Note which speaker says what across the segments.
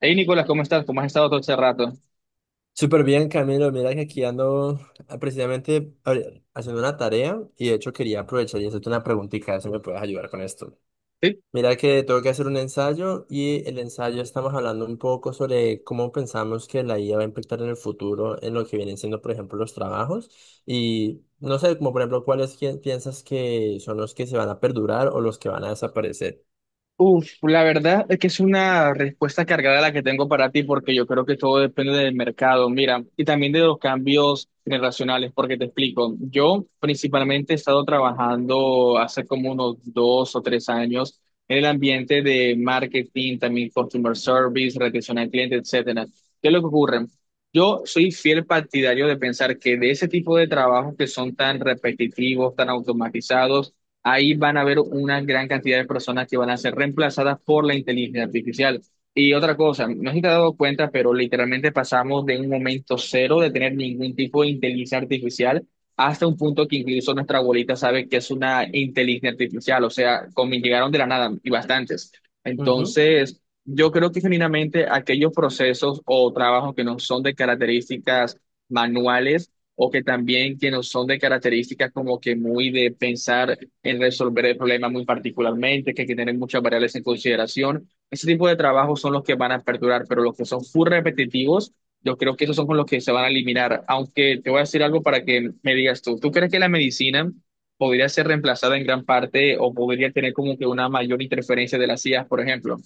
Speaker 1: Hey Nicolás, ¿cómo estás? ¿Cómo has estado todo este rato?
Speaker 2: Súper bien, Camilo. Mira que aquí ando precisamente, a ver, haciendo una tarea, y de hecho quería aprovechar y hacerte una preguntita, a ver si me puedes ayudar con esto.
Speaker 1: Sí.
Speaker 2: Mira que tengo que hacer un ensayo, y el ensayo, estamos hablando un poco sobre cómo pensamos que la IA va a impactar en el futuro en lo que vienen siendo, por ejemplo, los trabajos, y no sé, como por ejemplo, cuáles, quién piensas que son los que se van a perdurar o los que van a desaparecer.
Speaker 1: Uf, la verdad es que es una respuesta cargada la que tengo para ti, porque yo creo que todo depende del mercado, mira, y también de los cambios generacionales, porque te explico, yo principalmente he estado trabajando hace como unos dos o tres años en el ambiente de marketing, también customer service, retención al cliente, etcétera. ¿Qué es lo que ocurre? Yo soy fiel partidario de pensar que de ese tipo de trabajos que son tan repetitivos, tan automatizados, ahí van a haber una gran cantidad de personas que van a ser reemplazadas por la inteligencia artificial. Y otra cosa, no sé si te has dado cuenta, pero literalmente pasamos de un momento cero de tener ningún tipo de inteligencia artificial hasta un punto que incluso nuestra abuelita sabe que es una inteligencia artificial, o sea, como llegaron de la nada y bastantes.
Speaker 2: Ujú.
Speaker 1: Entonces, yo creo que genuinamente aquellos procesos o trabajos que no son de características manuales, o que también que no son de características como que muy de pensar en resolver el problema muy particularmente, que hay que tener muchas variables en consideración. Ese tipo de trabajos son los que van a perdurar, pero los que son full repetitivos, yo creo que esos son con los que se van a eliminar. Aunque te voy a decir algo para que me digas tú, ¿tú crees que la medicina podría ser reemplazada en gran parte o podría tener como que una mayor interferencia de las IAs, por ejemplo?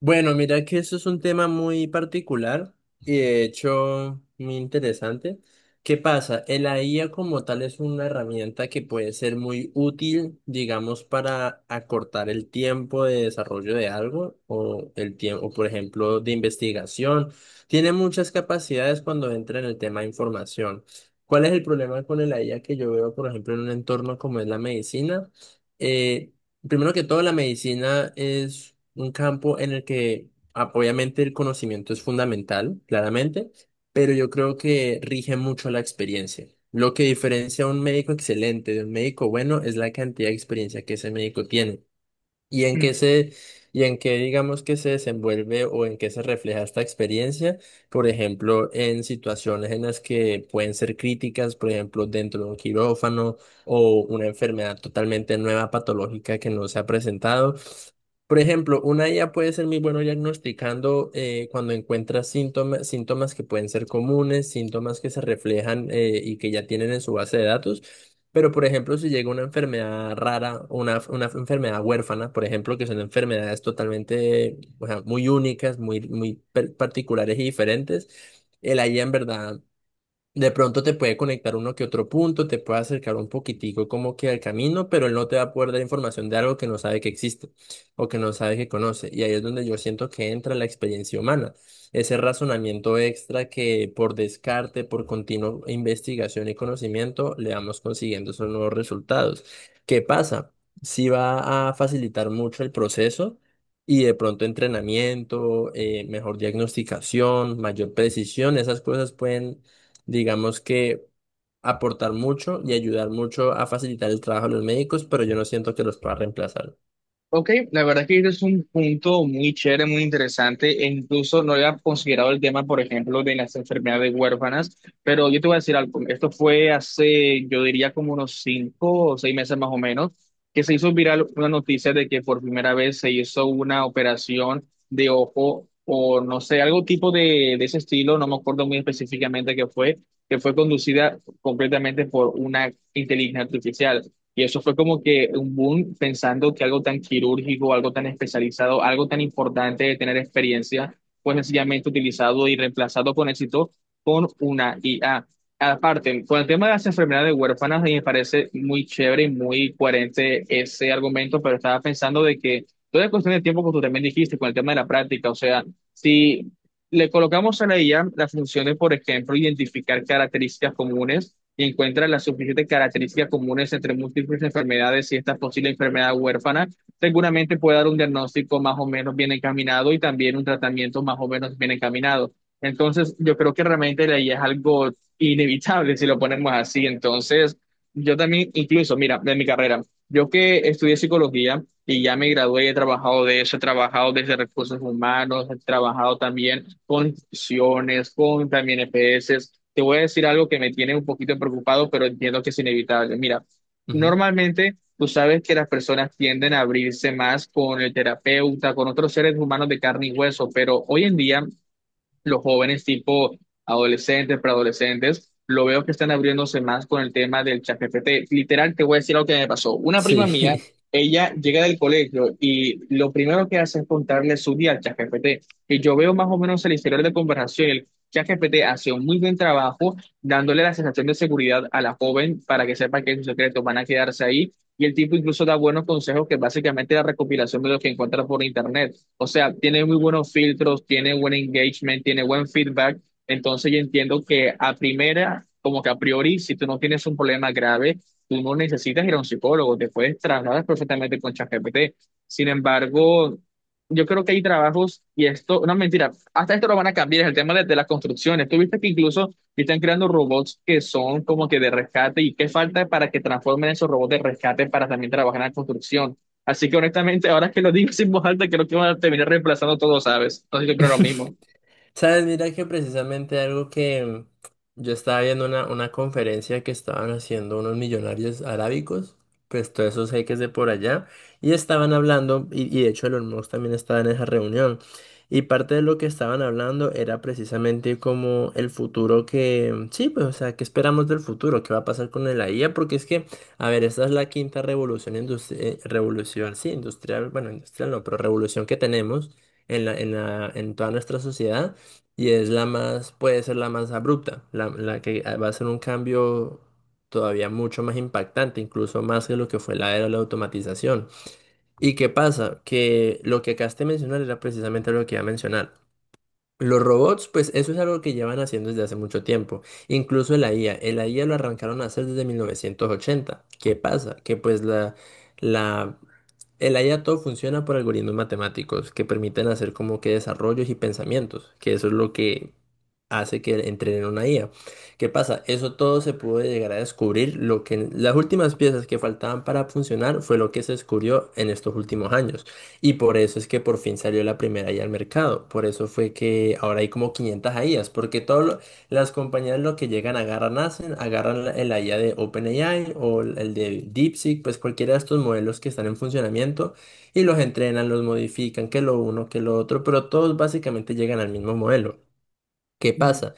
Speaker 2: Bueno, mira que eso es un tema muy particular y de hecho muy interesante. ¿Qué pasa? El la IA como tal es una herramienta que puede ser muy útil, digamos, para acortar el tiempo de desarrollo de algo o el tiempo, por ejemplo, de investigación. Tiene muchas capacidades cuando entra en el tema de información. ¿Cuál es el problema con el IA que yo veo, por ejemplo, en un entorno como es la medicina? eh Primero que todo, la medicina es un campo en el que obviamente el conocimiento es fundamental, claramente, pero yo creo que rige mucho la experiencia. Lo que diferencia a un médico excelente de un médico bueno es la cantidad de experiencia que ese médico tiene y en qué se, y en qué, digamos, que se desenvuelve o en qué se refleja esta experiencia, por ejemplo, en situaciones en las que pueden ser críticas, por ejemplo, dentro de un quirófano o una enfermedad totalmente nueva, patológica, que no se ha presentado. Por ejemplo, una IA puede ser muy bueno diagnosticando cuando encuentra síntomas, síntomas que pueden ser comunes, síntomas que se reflejan y que ya tienen en su base de datos. Pero, por ejemplo, si llega una enfermedad rara, una enfermedad huérfana, por ejemplo, que son enfermedades totalmente, o sea, muy únicas, muy, particulares y diferentes, el IA en verdad de pronto te puede conectar uno que otro punto, te puede acercar un poquitico como que al camino, pero él no te va a poder dar información de algo que no sabe que existe o que no sabe que conoce. Y ahí es donde yo siento que entra la experiencia humana, ese razonamiento extra que por descarte, por continua investigación y conocimiento, le vamos consiguiendo esos nuevos resultados. ¿Qué pasa? Sí va a facilitar mucho el proceso. Y de pronto entrenamiento, mejor diagnosticación, mayor precisión, esas cosas pueden, digamos, que aportar mucho y ayudar mucho a facilitar el trabajo de los médicos, pero yo no siento que los pueda reemplazar.
Speaker 1: Ok, la verdad que este es un punto muy chévere, muy interesante, e incluso no había considerado el tema, por ejemplo, de las enfermedades huérfanas, pero yo te voy a decir algo, esto fue hace, yo diría como unos cinco o seis meses más o menos, que se hizo viral una noticia de que por primera vez se hizo una operación de ojo o no sé, algo tipo de ese estilo, no me acuerdo muy específicamente qué fue, que fue conducida completamente por una inteligencia artificial. Y eso fue como que un boom pensando que algo tan quirúrgico, algo tan especializado, algo tan importante de tener experiencia, pues sencillamente utilizado y reemplazado con éxito con una IA. Aparte, con el tema de las enfermedades huérfanas, me parece muy chévere y muy coherente ese argumento, pero estaba pensando de que toda es cuestión de tiempo, como tú también dijiste, con el tema de la práctica, o sea, si le colocamos a la IA la función de, por ejemplo, identificar características comunes y encuentra las suficientes características comunes entre múltiples enfermedades y esta posible enfermedad huérfana. Seguramente puede dar un diagnóstico más o menos bien encaminado y también un tratamiento más o menos bien encaminado. Entonces, yo creo que realmente la IA es algo inevitable si lo ponemos así. Entonces, yo también, incluso, mira, de mi carrera, yo que estudié psicología, y ya me gradué y he trabajado de eso, he trabajado desde recursos humanos, he trabajado también con instituciones, con también EPS. Te voy a decir algo que me tiene un poquito preocupado, pero entiendo que es inevitable. Mira,
Speaker 2: Ujú.
Speaker 1: normalmente tú sabes que las personas tienden a abrirse más con el terapeuta, con otros seres humanos de carne y hueso, pero hoy en día los jóvenes tipo adolescentes, preadolescentes, lo veo que están abriéndose más con el tema del ChatGPT. Literal, te voy a decir lo que me pasó. Una prima
Speaker 2: Sí.
Speaker 1: mía, ella llega del colegio y lo primero que hace es contarle su día al ChatGPT. Y yo veo más o menos el historial de conversación. El ChatGPT hace un muy buen trabajo dándole la sensación de seguridad a la joven para que sepa que sus secretos van a quedarse ahí. Y el tipo incluso da buenos consejos que básicamente es la recopilación de lo que encuentra por internet. O sea, tiene muy buenos filtros, tiene buen engagement, tiene buen feedback. Entonces yo entiendo que a primera, como que a priori, si tú no tienes un problema grave, tú no necesitas ir a un psicólogo, te puedes trasladar perfectamente con ChatGPT. Sin embargo, yo creo que hay trabajos, y esto, no mentira, hasta esto lo van a cambiar, es el tema de las construcciones. Tú viste que incluso están creando robots que son como que de rescate, y qué falta para que transformen esos robots de rescate para también trabajar en la construcción. Así que honestamente, ahora que lo digo sin voz alta, creo que van a terminar reemplazando todo, ¿sabes? Entonces yo creo lo mismo.
Speaker 2: Sabes, mira que precisamente algo que yo estaba viendo, una conferencia que estaban haciendo unos millonarios arábicos, pues todos esos jeques de por allá, y estaban hablando, y de hecho Elon Musk también estaba en esa reunión, y parte de lo que estaban hablando era precisamente como el futuro que, sí, pues, o sea, ¿qué esperamos del futuro? ¿Qué va a pasar con la IA? Porque es que, a ver, esta es la quinta revolución industrial, revolución, sí, industrial, bueno, industrial no, pero revolución que tenemos en en toda nuestra sociedad. Y es la más, puede ser la más abrupta, la que va a ser un cambio todavía mucho más impactante, incluso más que lo que fue la era de la automatización. ¿Y qué pasa? Que lo que acabaste de mencionar era precisamente lo que iba a mencionar. Los robots, pues eso es algo que llevan haciendo desde hace mucho tiempo. Incluso la IA, el IA lo arrancaron a hacer desde 1980. ¿Qué pasa? Que pues la, el IA todo funciona por algoritmos matemáticos que permiten hacer como que desarrollos y pensamientos, que eso es lo que hace que entrenen una IA. ¿Qué pasa? Eso todo se pudo llegar a descubrir. Lo que las últimas piezas que faltaban para funcionar fue lo que se descubrió en estos últimos años. Y por eso es que por fin salió la primera IA al mercado. Por eso fue que ahora hay como 500 IAs, porque todas las compañías lo que llegan, agarran, hacen, agarran el IA de OpenAI o el de DeepSeek, pues cualquiera de estos modelos que están en funcionamiento, y los entrenan, los modifican, que lo uno, que lo otro, pero todos básicamente llegan al mismo modelo. ¿Qué pasa?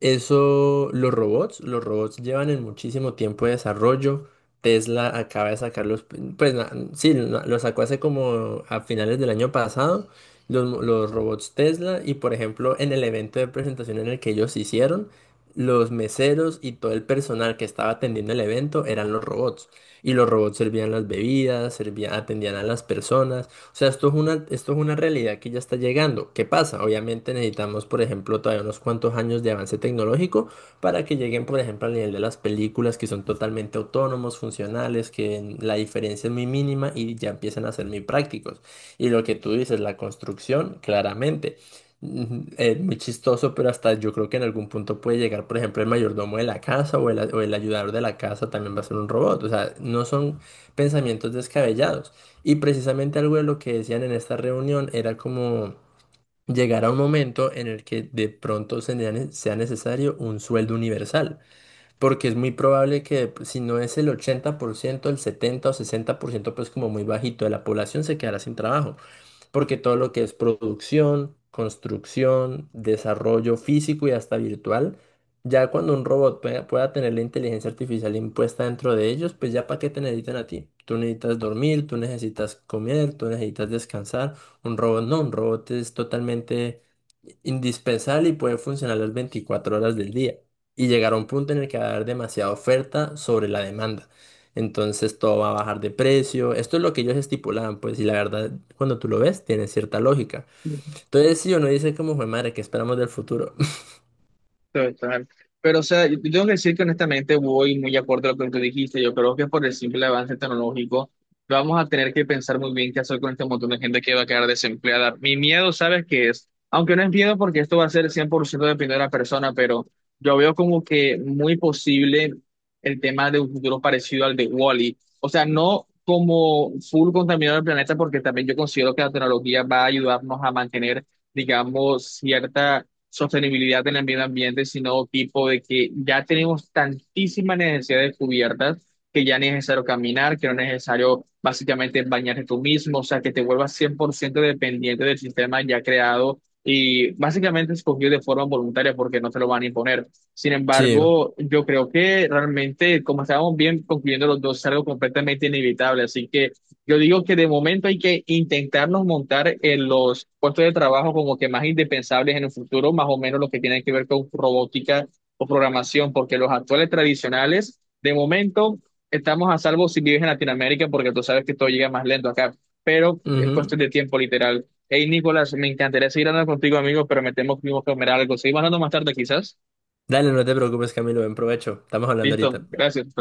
Speaker 2: Eso, los robots llevan en muchísimo tiempo de desarrollo. Tesla acaba de sacarlos, pues sí, lo sacó hace como a finales del año pasado, los robots Tesla, y por ejemplo en el evento de presentación en el que ellos hicieron, los meseros y todo el personal que estaba atendiendo el evento eran los robots. Y los robots servían las bebidas, servían, atendían a las personas. O sea, esto es esto es una realidad que ya está llegando. ¿Qué pasa? Obviamente necesitamos, por ejemplo, todavía unos cuantos años de avance tecnológico para que lleguen, por ejemplo, al nivel de las películas que son totalmente autónomos, funcionales, que la diferencia es muy mínima y ya empiezan a ser muy prácticos. Y lo que tú dices, la construcción, claramente. Es muy chistoso, pero hasta yo creo que en algún punto puede llegar, por ejemplo, el mayordomo de la casa o el ayudador de la casa también va a ser un robot. O sea, no son pensamientos descabellados. Y precisamente algo de lo que decían en esta reunión era como llegar a un momento en el que de pronto sea necesario un sueldo universal, porque es muy probable que pues, si no es el 80%, el 70 o 60%, pues como muy bajito de la población se quedará sin trabajo, porque todo lo que es producción, construcción, desarrollo físico y hasta virtual, ya cuando un robot pueda tener la inteligencia artificial impuesta dentro de ellos, pues ya para qué te necesitan a ti. Tú necesitas dormir, tú necesitas comer, tú necesitas descansar. Un robot no, un robot es totalmente indispensable y puede funcionar las 24 horas del día. Y llegar a un punto en el que va a haber demasiada oferta sobre la demanda. Entonces todo va a bajar de precio. Esto es lo que ellos estipulaban, pues, y la verdad, cuando tú lo ves, tiene cierta lógica. Entonces, si uno dice como, "Jue madre, ¿qué esperamos del futuro?"
Speaker 1: Total. Pero, o sea, yo tengo que decir que honestamente voy muy acorde a lo que tú dijiste. Yo creo que por el simple avance tecnológico vamos a tener que pensar muy bien qué hacer con este montón de gente que va a quedar desempleada. Mi miedo, ¿sabes qué es? Aunque no es miedo porque esto va a ser 100% dependiendo de la persona, pero yo veo como que muy posible el tema de un futuro parecido al de Wall-E. O sea, no como full contaminador del planeta, porque también yo considero que la tecnología va a ayudarnos a mantener, digamos, cierta sostenibilidad en el medio ambiente, sino tipo de que ya tenemos tantísimas necesidades cubiertas que ya no es necesario caminar, que no es necesario básicamente bañarte tú mismo, o sea, que te vuelvas 100% dependiente del sistema ya creado y básicamente escogido de forma voluntaria porque no te lo van a imponer. Sin
Speaker 2: Sí.
Speaker 1: embargo, yo creo que realmente, como estábamos bien concluyendo los dos, es algo completamente inevitable, así que yo digo que de momento hay que intentarnos montar en los puestos de trabajo como que más indispensables en el futuro, más o menos lo que tiene que ver con robótica o programación, porque los actuales tradicionales, de momento, estamos a salvo si vives en Latinoamérica, porque tú sabes que todo llega más lento acá, pero es cuestión
Speaker 2: Ujú.
Speaker 1: de tiempo literal. Hey, Nicolás, me encantaría seguir hablando contigo, amigo, pero me temo que tengo que comer algo. Seguimos hablando más tarde, quizás.
Speaker 2: Dale, no te preocupes, Camilo, buen provecho. Estamos hablando
Speaker 1: Listo,
Speaker 2: ahorita.
Speaker 1: gracias. Hasta luego.